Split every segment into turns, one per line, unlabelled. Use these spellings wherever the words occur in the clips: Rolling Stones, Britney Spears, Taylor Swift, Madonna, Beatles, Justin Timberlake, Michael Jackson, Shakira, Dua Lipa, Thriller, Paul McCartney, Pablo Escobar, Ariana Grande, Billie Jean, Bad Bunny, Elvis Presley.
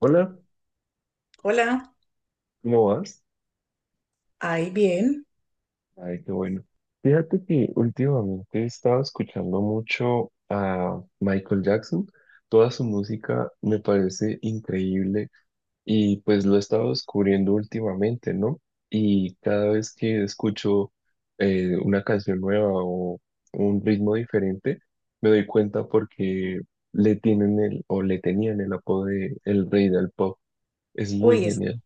Hola,
Hola,
¿cómo vas?
ahí bien.
Ay, qué bueno. Fíjate que últimamente he estado escuchando mucho a Michael Jackson. Toda su música me parece increíble y pues lo he estado descubriendo últimamente, ¿no? Y cada vez que escucho una canción nueva o un ritmo diferente, me doy cuenta porque le tenían el apodo de el rey del pop. Es muy
Uy, es-
genial.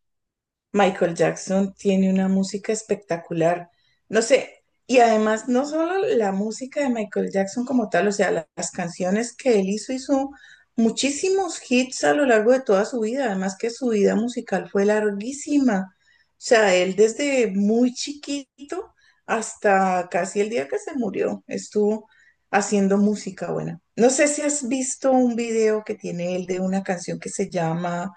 Michael Jackson tiene una música espectacular. No sé, y además no solo la música de Michael Jackson como tal, o sea, las canciones que él hizo muchísimos hits a lo largo de toda su vida, además que su vida musical fue larguísima. O sea, él desde muy chiquito hasta casi el día que se murió estuvo haciendo música buena. No sé si has visto un video que tiene él de una canción que se llama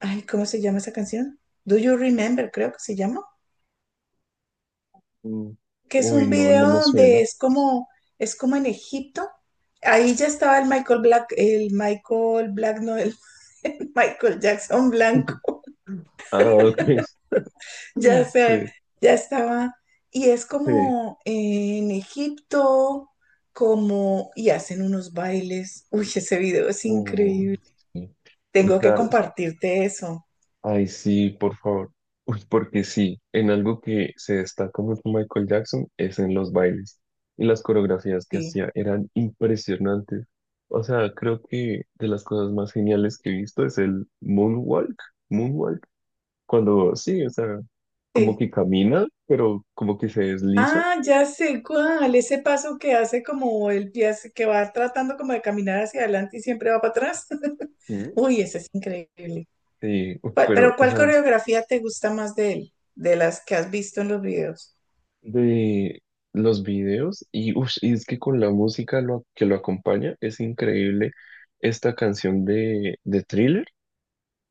ay, ¿cómo se llama esa canción? Do You Remember, creo que se llama.
Mm.
Que es
Uy,
un
no, no me
video
suena.
donde es como en Egipto. Ahí ya estaba el Michael Black, no, el, el Michael Jackson Blanco.
Ah, ok.
Ya sé,
Sí,
ya estaba. Y es
sí.
como en Egipto, como, y hacen unos bailes. Uy, ese video es
Oh,
increíble.
sí. O
Tengo que
sea,
compartirte eso.
ay, sí, por favor. Uy, porque sí, en algo que se destaca mucho Michael Jackson es en los bailes. Y las coreografías que
Sí,
hacía eran impresionantes. O sea, creo que de las cosas más geniales que he visto es el moonwalk. Moonwalk. Cuando, sí, o sea, como
sí.
que camina, pero como que se desliza.
Ah, ya sé cuál, ese paso que hace como el pie, que va tratando como de caminar hacia adelante y siempre va para atrás.
Sí.
Uy, ese es increíble.
Sí, uf,
Pero
pero, o
¿cuál
sea,
coreografía te gusta más de él? De las que has visto en los videos.
de los videos y, ush, y es que con la música que lo acompaña es increíble esta canción de Thriller,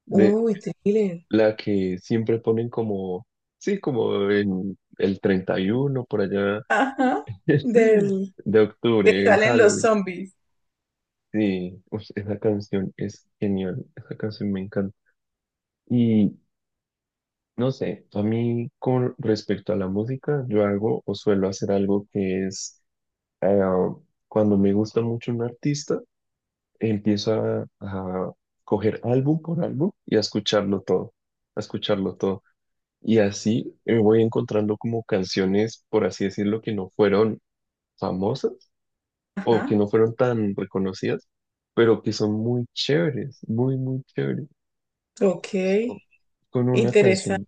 de
Uy, Thriller.
la que siempre ponen como, sí, como en el 31 por allá
Ajá, del
de
que
octubre, en
salen los
Halloween.
zombies.
Sí, ush, esa canción es genial, esa canción me encanta. Y no sé, a mí con respecto a la música, yo hago o suelo hacer algo que es eh, cuando me gusta mucho un artista, empiezo a coger álbum por álbum y a escucharlo todo, a escucharlo todo. Y así voy encontrando como canciones, por así decirlo, que no fueron famosas o que
Ajá,
no fueron tan reconocidas, pero que son muy chéveres, muy, muy chéveres.
ok,
So, con una canción,
interesante.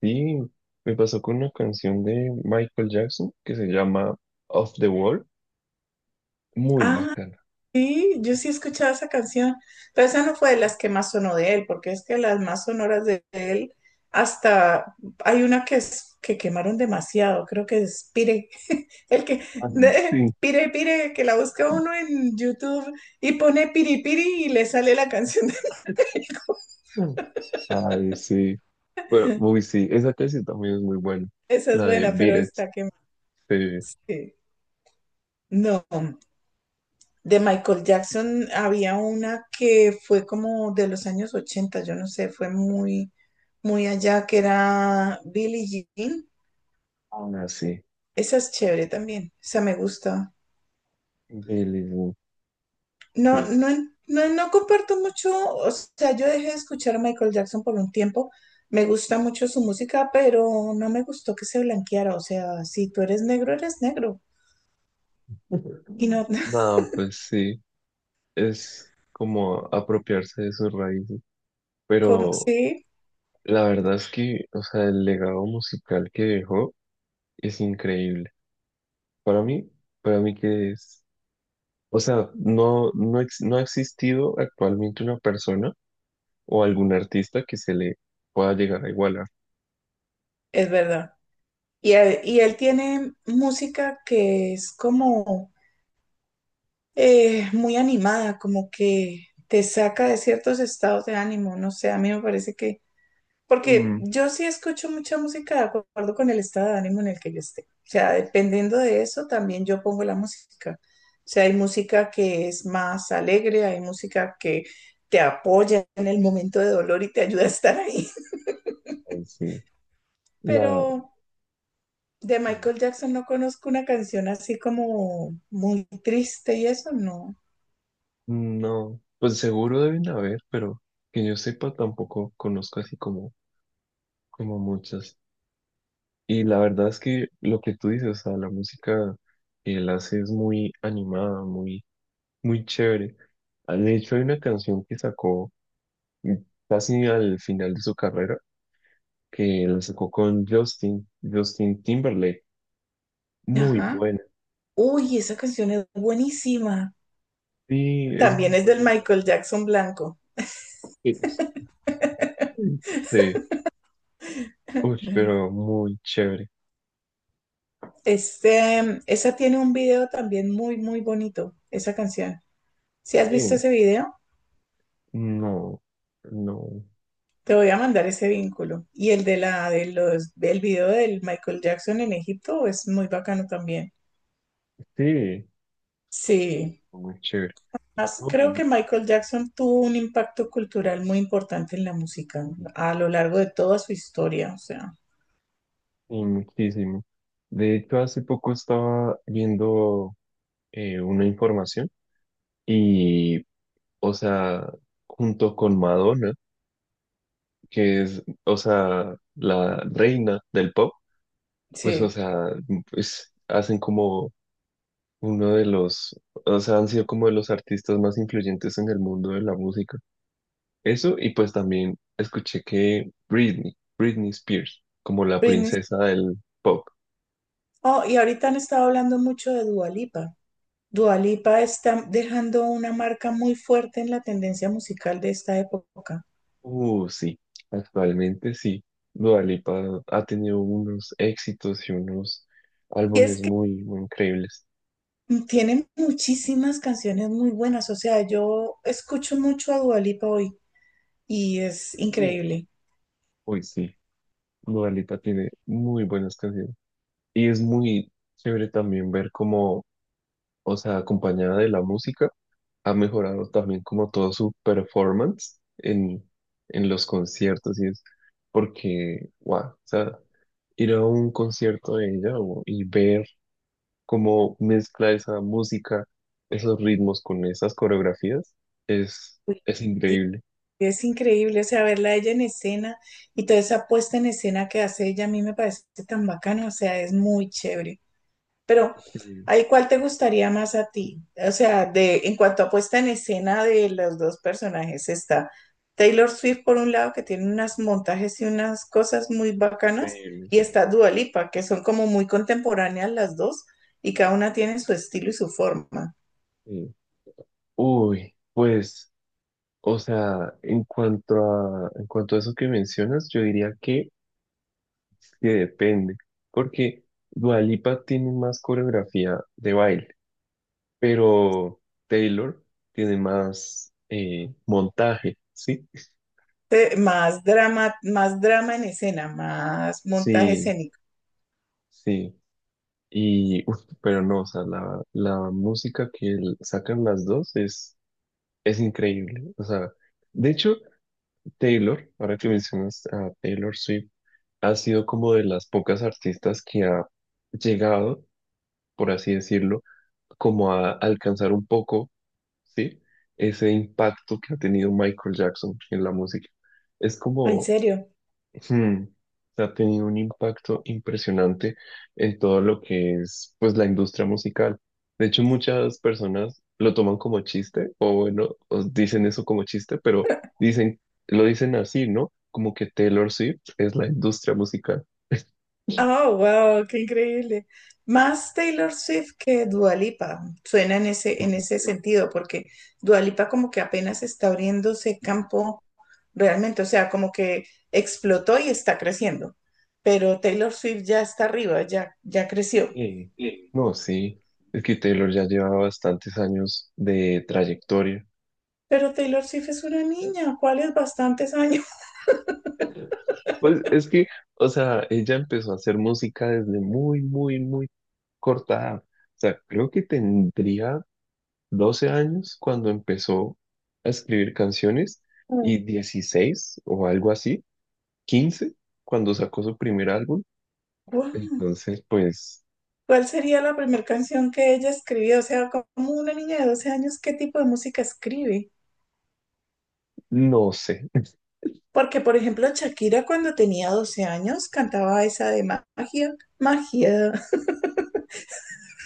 sí, me pasó con una canción de Michael Jackson que se llama Off the Wall, muy
Ah,
bacana.
sí, yo sí escuchaba esa canción, pero esa no fue de las que más sonó de él, porque es que las más sonoras de él, hasta hay una que, es, que quemaron demasiado, creo que es Pire, el que,
Ah, sí.
Pire, que la busca uno en YouTube y pone Piri Piri y le sale la canción.
Mm. Ay, sí. Bueno, uy, sí, esa casi también es muy buena.
Esa es
La de
buena,
Beat
pero
It,
está que
sí.
sí. No, de Michael Jackson había una que fue como de los años 80, yo no sé, fue muy, muy allá, que era Billie Jean.
Ahora sí.
Esa es chévere también, esa me gusta.
Billy,
No,
sí.
no, no, no comparto mucho, o sea, yo dejé de escuchar a Michael Jackson por un tiempo. Me gusta mucho su música, pero no me gustó que se blanqueara. O sea, si tú eres negro, eres negro. Y no,
Nada, pues sí. Es como apropiarse de sus raíces.
como,
Pero
sí,
la verdad es que, o sea, el legado musical que dejó es increíble. Para mí, para mí que es. O sea, no ha existido actualmente una persona o algún artista que se le pueda llegar a igualar.
es verdad. Y él tiene música que es como muy animada, como que te saca de ciertos estados de ánimo. No sé, a mí me parece, porque yo sí escucho mucha música de acuerdo con el estado de ánimo en el que yo esté. O sea, dependiendo de eso, también yo pongo la música. O sea, hay música que es más alegre, hay música que te apoya en el momento de dolor y te ayuda a estar ahí.
Ay, sí, la,
Pero de
sí.
Michael Jackson no conozco una canción así como muy triste y eso, no.
No, pues seguro deben haber, pero que yo sepa tampoco conozco así como, como muchas. Y la verdad es que lo que tú dices, o sea, la música que él hace es muy animada, muy, muy chévere. Ah, de hecho, hay una canción que sacó mm, casi al final de su carrera, que la sacó con Justin Timberlake. Muy
Ajá.
buena.
Uy, esa canción es buenísima.
Sí, es muy
También es del
bonita.
Michael Jackson blanco.
Sí, uy, pero muy chévere.
Este, esa tiene un video también muy, muy bonito, esa canción. Si has visto
Eh,
ese video,
no, no.
te voy a mandar ese vínculo. Y el de la, de los, del video del Michael Jackson en Egipto es muy bacano también.
Sí,
Sí.
muy chévere. No,
Creo que Michael Jackson tuvo un impacto cultural muy importante en la música
y-
a lo largo de toda su historia, o sea,
y muchísimo. De hecho, hace poco estaba viendo una información y, o sea, junto con Madonna, que es, o sea, la reina del pop, pues, o
sí.
sea, pues hacen como uno de los, o sea, han sido como de los artistas más influyentes en el mundo de la música. Eso, y pues también escuché que Britney Spears, como la
Britney.
princesa del pop.
Oh, y ahorita han estado hablando mucho de Dua Lipa. Dua Lipa está dejando una marca muy fuerte en la tendencia musical de esta época.
Sí, actualmente sí. Dua Lipa ha tenido unos éxitos y unos
Y es
álbumes
que
muy, muy increíbles.
tiene muchísimas canciones muy buenas, o sea, yo escucho mucho a Dua Lipa hoy y es
Mm.
increíble.
Uy, sí, Dua Lipa tiene muy buenas canciones. Y es muy chévere también ver cómo, o sea, acompañada de la música, ha mejorado también como todo su performance en los conciertos y es porque, wow, o sea, ir a un concierto de ella y ver cómo mezcla esa música, esos ritmos con esas coreografías,
Uy,
es
sí,
increíble.
es increíble, o sea, verla a ella en escena y toda esa puesta en escena que hace ella a mí me parece tan bacana, o sea, es muy chévere. Pero
Sí,
ahí, ¿cuál te gustaría más a ti? O sea, en cuanto a puesta en escena de los dos personajes, está Taylor Swift por un lado, que tiene unos montajes y unas cosas muy bacanas, y
increíbles
está Dua Lipa, que son como muy contemporáneas las dos, y cada una tiene su estilo y su forma.
sí. Uy, pues, o sea, en cuanto a eso que mencionas, yo diría que depende, porque Dua Lipa tiene más coreografía de baile, pero Taylor tiene más montaje, ¿sí?
Más drama en escena, más montaje
Sí,
escénico.
sí. Y, uf, pero no, o sea, la música que sacan las dos es increíble. O sea, de hecho, Taylor, ahora que mencionas a Taylor Swift, ha sido como de las pocas artistas que ha llegado, por así decirlo, como a alcanzar un poco, ¿sí? Ese impacto que ha tenido Michael Jackson en la música. Es
En
como,
serio.
hmm, ha tenido un impacto impresionante en todo lo que es, pues, la industria musical. De hecho, muchas personas lo toman como chiste, o bueno, os dicen eso como chiste, pero dicen, lo dicen así, ¿no? Como que Taylor Swift es la industria musical.
Oh, wow, qué increíble. Más Taylor Swift que Dua Lipa. Suena en en ese sentido, porque Dua Lipa como que apenas está abriéndose campo realmente, o sea, como que explotó y está creciendo. Pero Taylor Swift ya está arriba, ya creció.
Sí. No, sí. Es que Taylor ya lleva bastantes años de trayectoria.
Pero Taylor Swift es una niña, ¿cuáles bastantes años?
Pues es que, o sea, ella empezó a hacer música desde muy, muy, muy corta edad. O sea, creo que tendría 12 años cuando empezó a escribir canciones y 16 o algo así, 15 cuando sacó su primer álbum.
Guau,
Entonces, pues,
¿cuál sería la primera canción que ella escribió? O sea, como una niña de 12 años, ¿qué tipo de música escribe?
no sé.
Porque, por ejemplo, Shakira cuando tenía 12 años cantaba esa de magia, magia.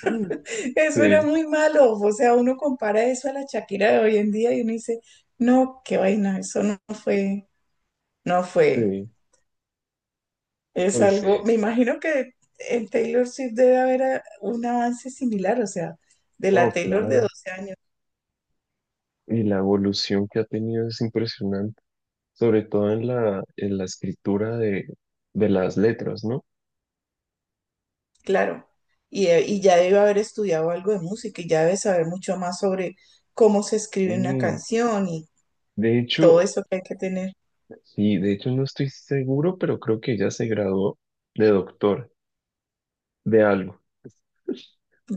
Eso era
Sí,
muy malo. O sea, uno compara eso a la Shakira de hoy en día y uno dice, no, qué vaina, eso no fue, no fue.
sí,
Es
pues
algo,
sí.
me imagino que en Taylor Swift debe haber un avance similar, o sea, de la
No,
Taylor de
claro.
12 años,
Y la evolución que ha tenido es impresionante, sobre todo en la escritura de las letras, ¿no?
claro. Y ya debe haber estudiado algo de música y ya debe saber mucho más sobre cómo se escribe una
Mm,
canción y
de
todo
hecho,
eso que hay que tener.
sí, de hecho no estoy seguro, pero creo que ya se graduó de doctor de algo.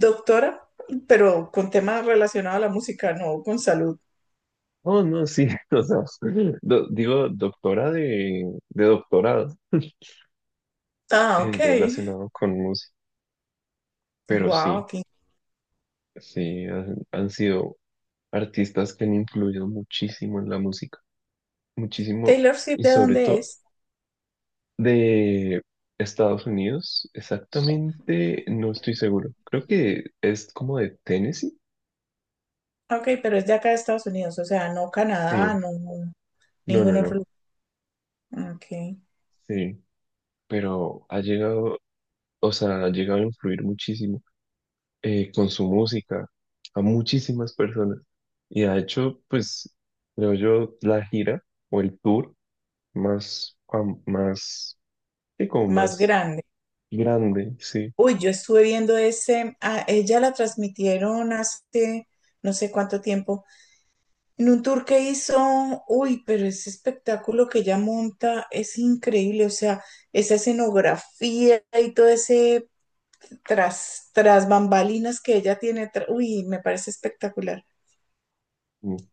Doctora, pero con temas relacionados a la música, no con salud.
Oh, no, sí, o sea, digo doctora de doctorado
Ah, ok.
relacionado con música, pero sí,
Wow,
sí, han, han sido artistas que han influido muchísimo en la música, muchísimo,
Taylor Swift,
y
¿de
sobre
dónde
todo
es?
de Estados Unidos, exactamente, no estoy seguro, creo que es como de Tennessee,
Ok, pero es de acá de Estados Unidos, o sea, no Canadá,
sí,
no
no, no,
ningún
no.
otro lugar. Ok,
Sí, pero ha llegado, o sea, ha llegado a influir muchísimo con su música a muchísimas personas. Y ha hecho, pues, creo yo, la gira o el tour más, sí, como
más
más
grande.
grande, sí.
Uy, yo estuve viendo a ella la transmitieron hace no sé cuánto tiempo, en un tour que hizo, uy, pero ese espectáculo que ella monta es increíble, o sea, esa escenografía y todo ese tras bambalinas que ella tiene. Uy, me parece espectacular.
Mm,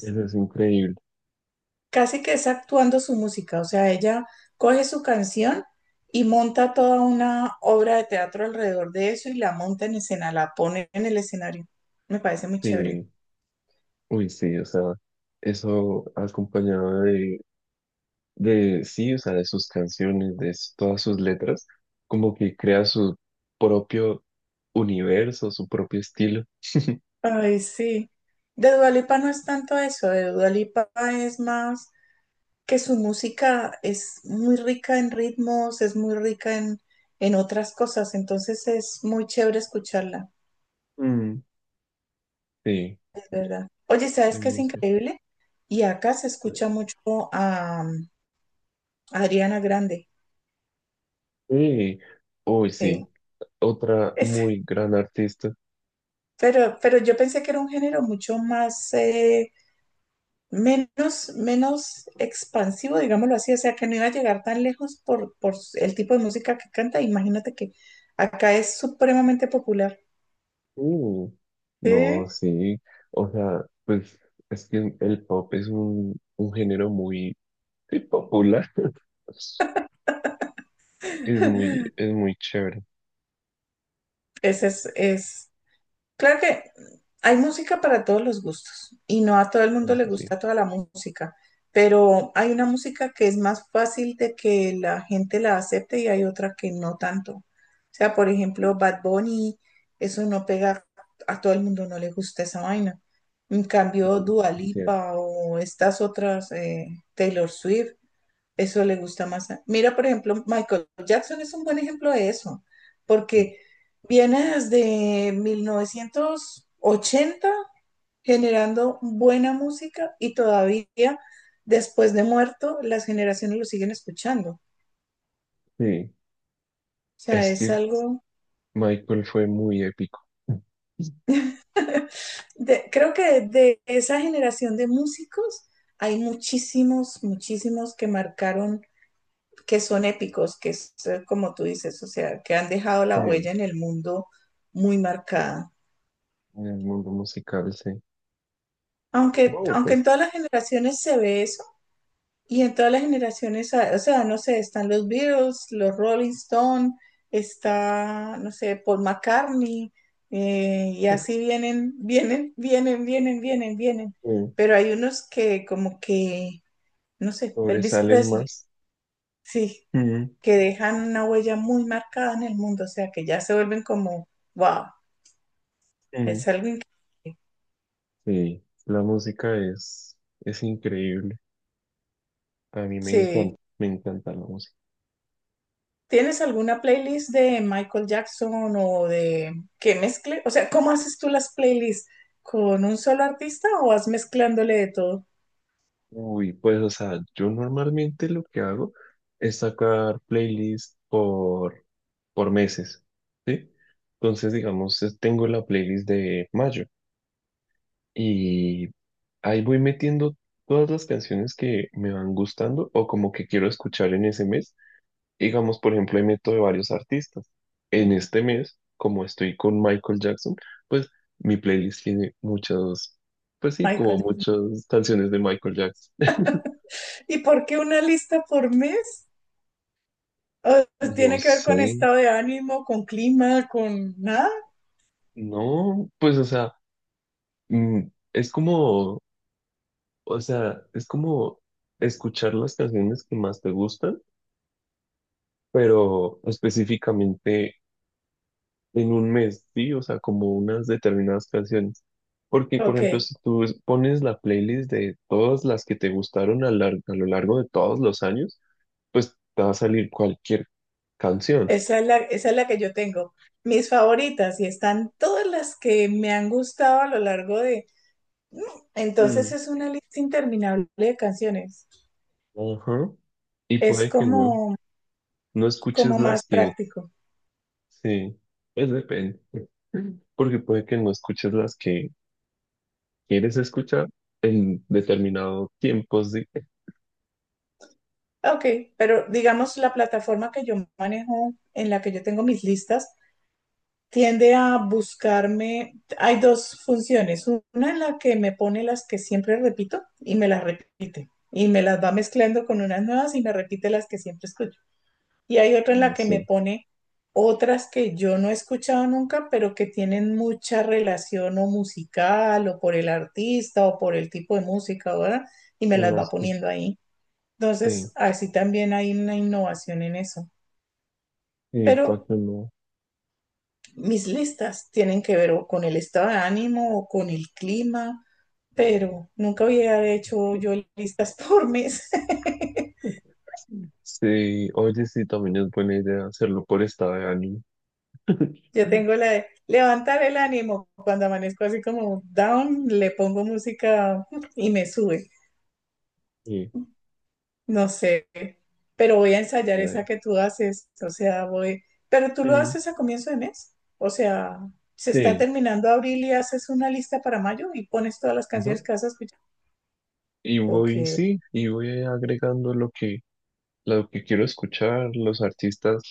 eso es increíble.
Casi que es actuando su música, o sea, ella coge su canción y monta toda una obra de teatro alrededor de eso y la monta en escena, la pone en el escenario. Me parece muy chévere.
Sí, uy, sí, o sea, eso acompañado de sí, o sea, de sus canciones, de todas sus letras, como que crea su propio universo, su propio estilo.
Ay, sí. De Dua Lipa no es tanto eso, de Dua Lipa es más que su música es muy rica en ritmos, es muy rica en otras cosas, entonces es muy chévere escucharla.
Mm, sí,
De verdad. Oye, ¿sabes
es
qué es
muy cierto.
increíble? Y acá se escucha mucho a Ariana Grande.
Sí, uy, sí,
Sí.
otra
Es-
muy gran artista.
pero yo pensé que era un género mucho más, menos, menos expansivo, digámoslo así, o sea, que no iba a llegar tan lejos por el tipo de música que canta. Imagínate que acá es supremamente popular.
Uh, no,
Sí,
sí, o sea, pues es que el pop es un género muy sí, popular. Es muy chévere.
ese es claro que hay música para todos los gustos y no a todo el mundo le
Eso sí,
gusta toda la música, pero hay una música que es más fácil de que la gente la acepte y hay otra que no tanto. O sea, por ejemplo, Bad Bunny, eso no pega, a todo el mundo no le gusta esa vaina. En cambio,
sí,
Dua
es cierto.
Lipa o estas otras, Taylor Swift, eso le gusta más. Mira, por ejemplo, Michael Jackson es un buen ejemplo de eso, porque viene desde 1980 generando buena música y todavía después de muerto las generaciones lo siguen escuchando. O
Sí,
sea,
es
es
que
algo,
Michael fue muy épico
creo que de esa generación de músicos hay muchísimos, muchísimos que marcaron, que son épicos, que es como tú dices, o sea, que han dejado la
eh,
huella en el mundo muy marcada.
en el mundo musical, sí.
Aunque,
No, y
aunque en
pues
todas las generaciones se ve eso, y en todas las generaciones, ah, o sea, no sé, están los Beatles, los Rolling Stones, está, no sé, Paul McCartney, y así vienen, vienen, vienen, vienen, vienen, vienen.
eh,
Pero hay unos que como que, no sé, Elvis
sobresalen
Presley,
más.
sí,
Mm,
que dejan una huella muy marcada en el mundo, o sea, que ya se vuelven como, wow,
mm.
es algo increíble.
Sí, la música es increíble. A mí
Sí.
me encanta la música.
¿Tienes alguna playlist de Michael Jackson o de que mezcle? O sea, ¿cómo haces tú las playlists? ¿Con un solo artista o vas mezclándole de todo,
Uy, pues, o sea, yo normalmente lo que hago es sacar playlists por meses, ¿sí? Entonces, digamos, tengo la playlist de mayo. Y ahí voy metiendo todas las canciones que me van gustando o como que quiero escuchar en ese mes. Digamos, por ejemplo, ahí meto de varios artistas. En este mes, como estoy con Michael Jackson, pues mi playlist tiene muchas, pues sí,
Michael?
como
Jackson?
muchas canciones de Michael Jackson.
¿Y por qué una lista por mes? ¿O
No
tiene que ver
sé,
con estado de ánimo, con clima, con nada?
no, pues o sea, mm, es como, o sea, es como escuchar las canciones que más te gustan, pero específicamente en un mes, ¿sí? O sea, como unas determinadas canciones. Porque, por
Ok,
ejemplo, si tú pones la playlist de todas las que te gustaron a lo largo de todos los años, pues te va a salir cualquier canción.
esa es la que yo tengo. Mis favoritas y están todas las que me han gustado a lo largo de... Entonces
Mm,
es una lista interminable de canciones.
ajá. Y
Es
puede que
como,
no escuches
como más
las que,
práctico.
sí, pues depende. Porque puede que no escuches las que quieres escuchar en determinado tiempo, sí.
Ok, pero digamos la plataforma que yo manejo, en la que yo tengo mis listas, tiende a buscarme, hay dos funciones, una en la que me pone las que siempre repito y me las repite, y me las va mezclando con unas nuevas y me repite las que siempre escucho. Y hay otra en
Ah,
la que me
sí.
pone otras que yo no he escuchado nunca, pero que tienen mucha relación o musical o por el artista o por el tipo de música, ¿verdad? Y me las va
Las que,
poniendo ahí.
sí,
Entonces, así también hay una innovación en eso.
sí, para
Pero
que no.
mis listas tienen que ver o con el estado de ánimo o con el clima, pero nunca había hecho yo listas por mes.
Sí, oye, sí, también es buena idea hacerlo por estado de ánimo.
Yo tengo la de levantar el ánimo. Cuando amanezco así como down, le pongo música y me sube.
Y,
No sé, pero voy a
a
ensayar esa
ver,
que tú haces, o sea, voy, pero tú lo
mm,
haces a comienzo de mes, o sea, se está
sí,
terminando abril y haces una lista para mayo y pones todas las
ajá.
canciones que vas a escuchar.
Y
Ok,
voy, sí, y voy agregando lo que quiero escuchar, los artistas,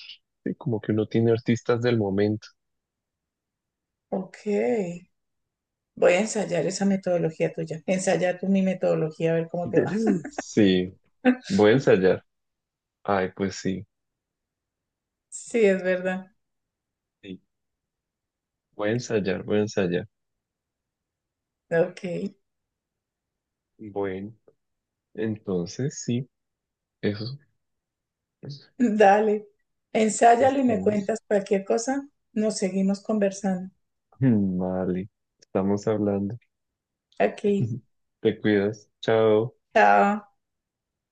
sí, como que uno tiene artistas del momento.
ok, voy a ensayar esa metodología tuya, ensaya tú mi metodología a ver cómo te va.
Sí, voy a ensayar. Ay, pues sí,
Sí, es verdad,
sí, voy a ensayar, voy a ensayar.
ok,
Bueno, entonces sí, eso
dale, ensáyalo y me
estamos.
cuentas cualquier cosa, nos seguimos conversando.
Vale, estamos hablando.
Aquí,
Te cuidas. Chao.
chao.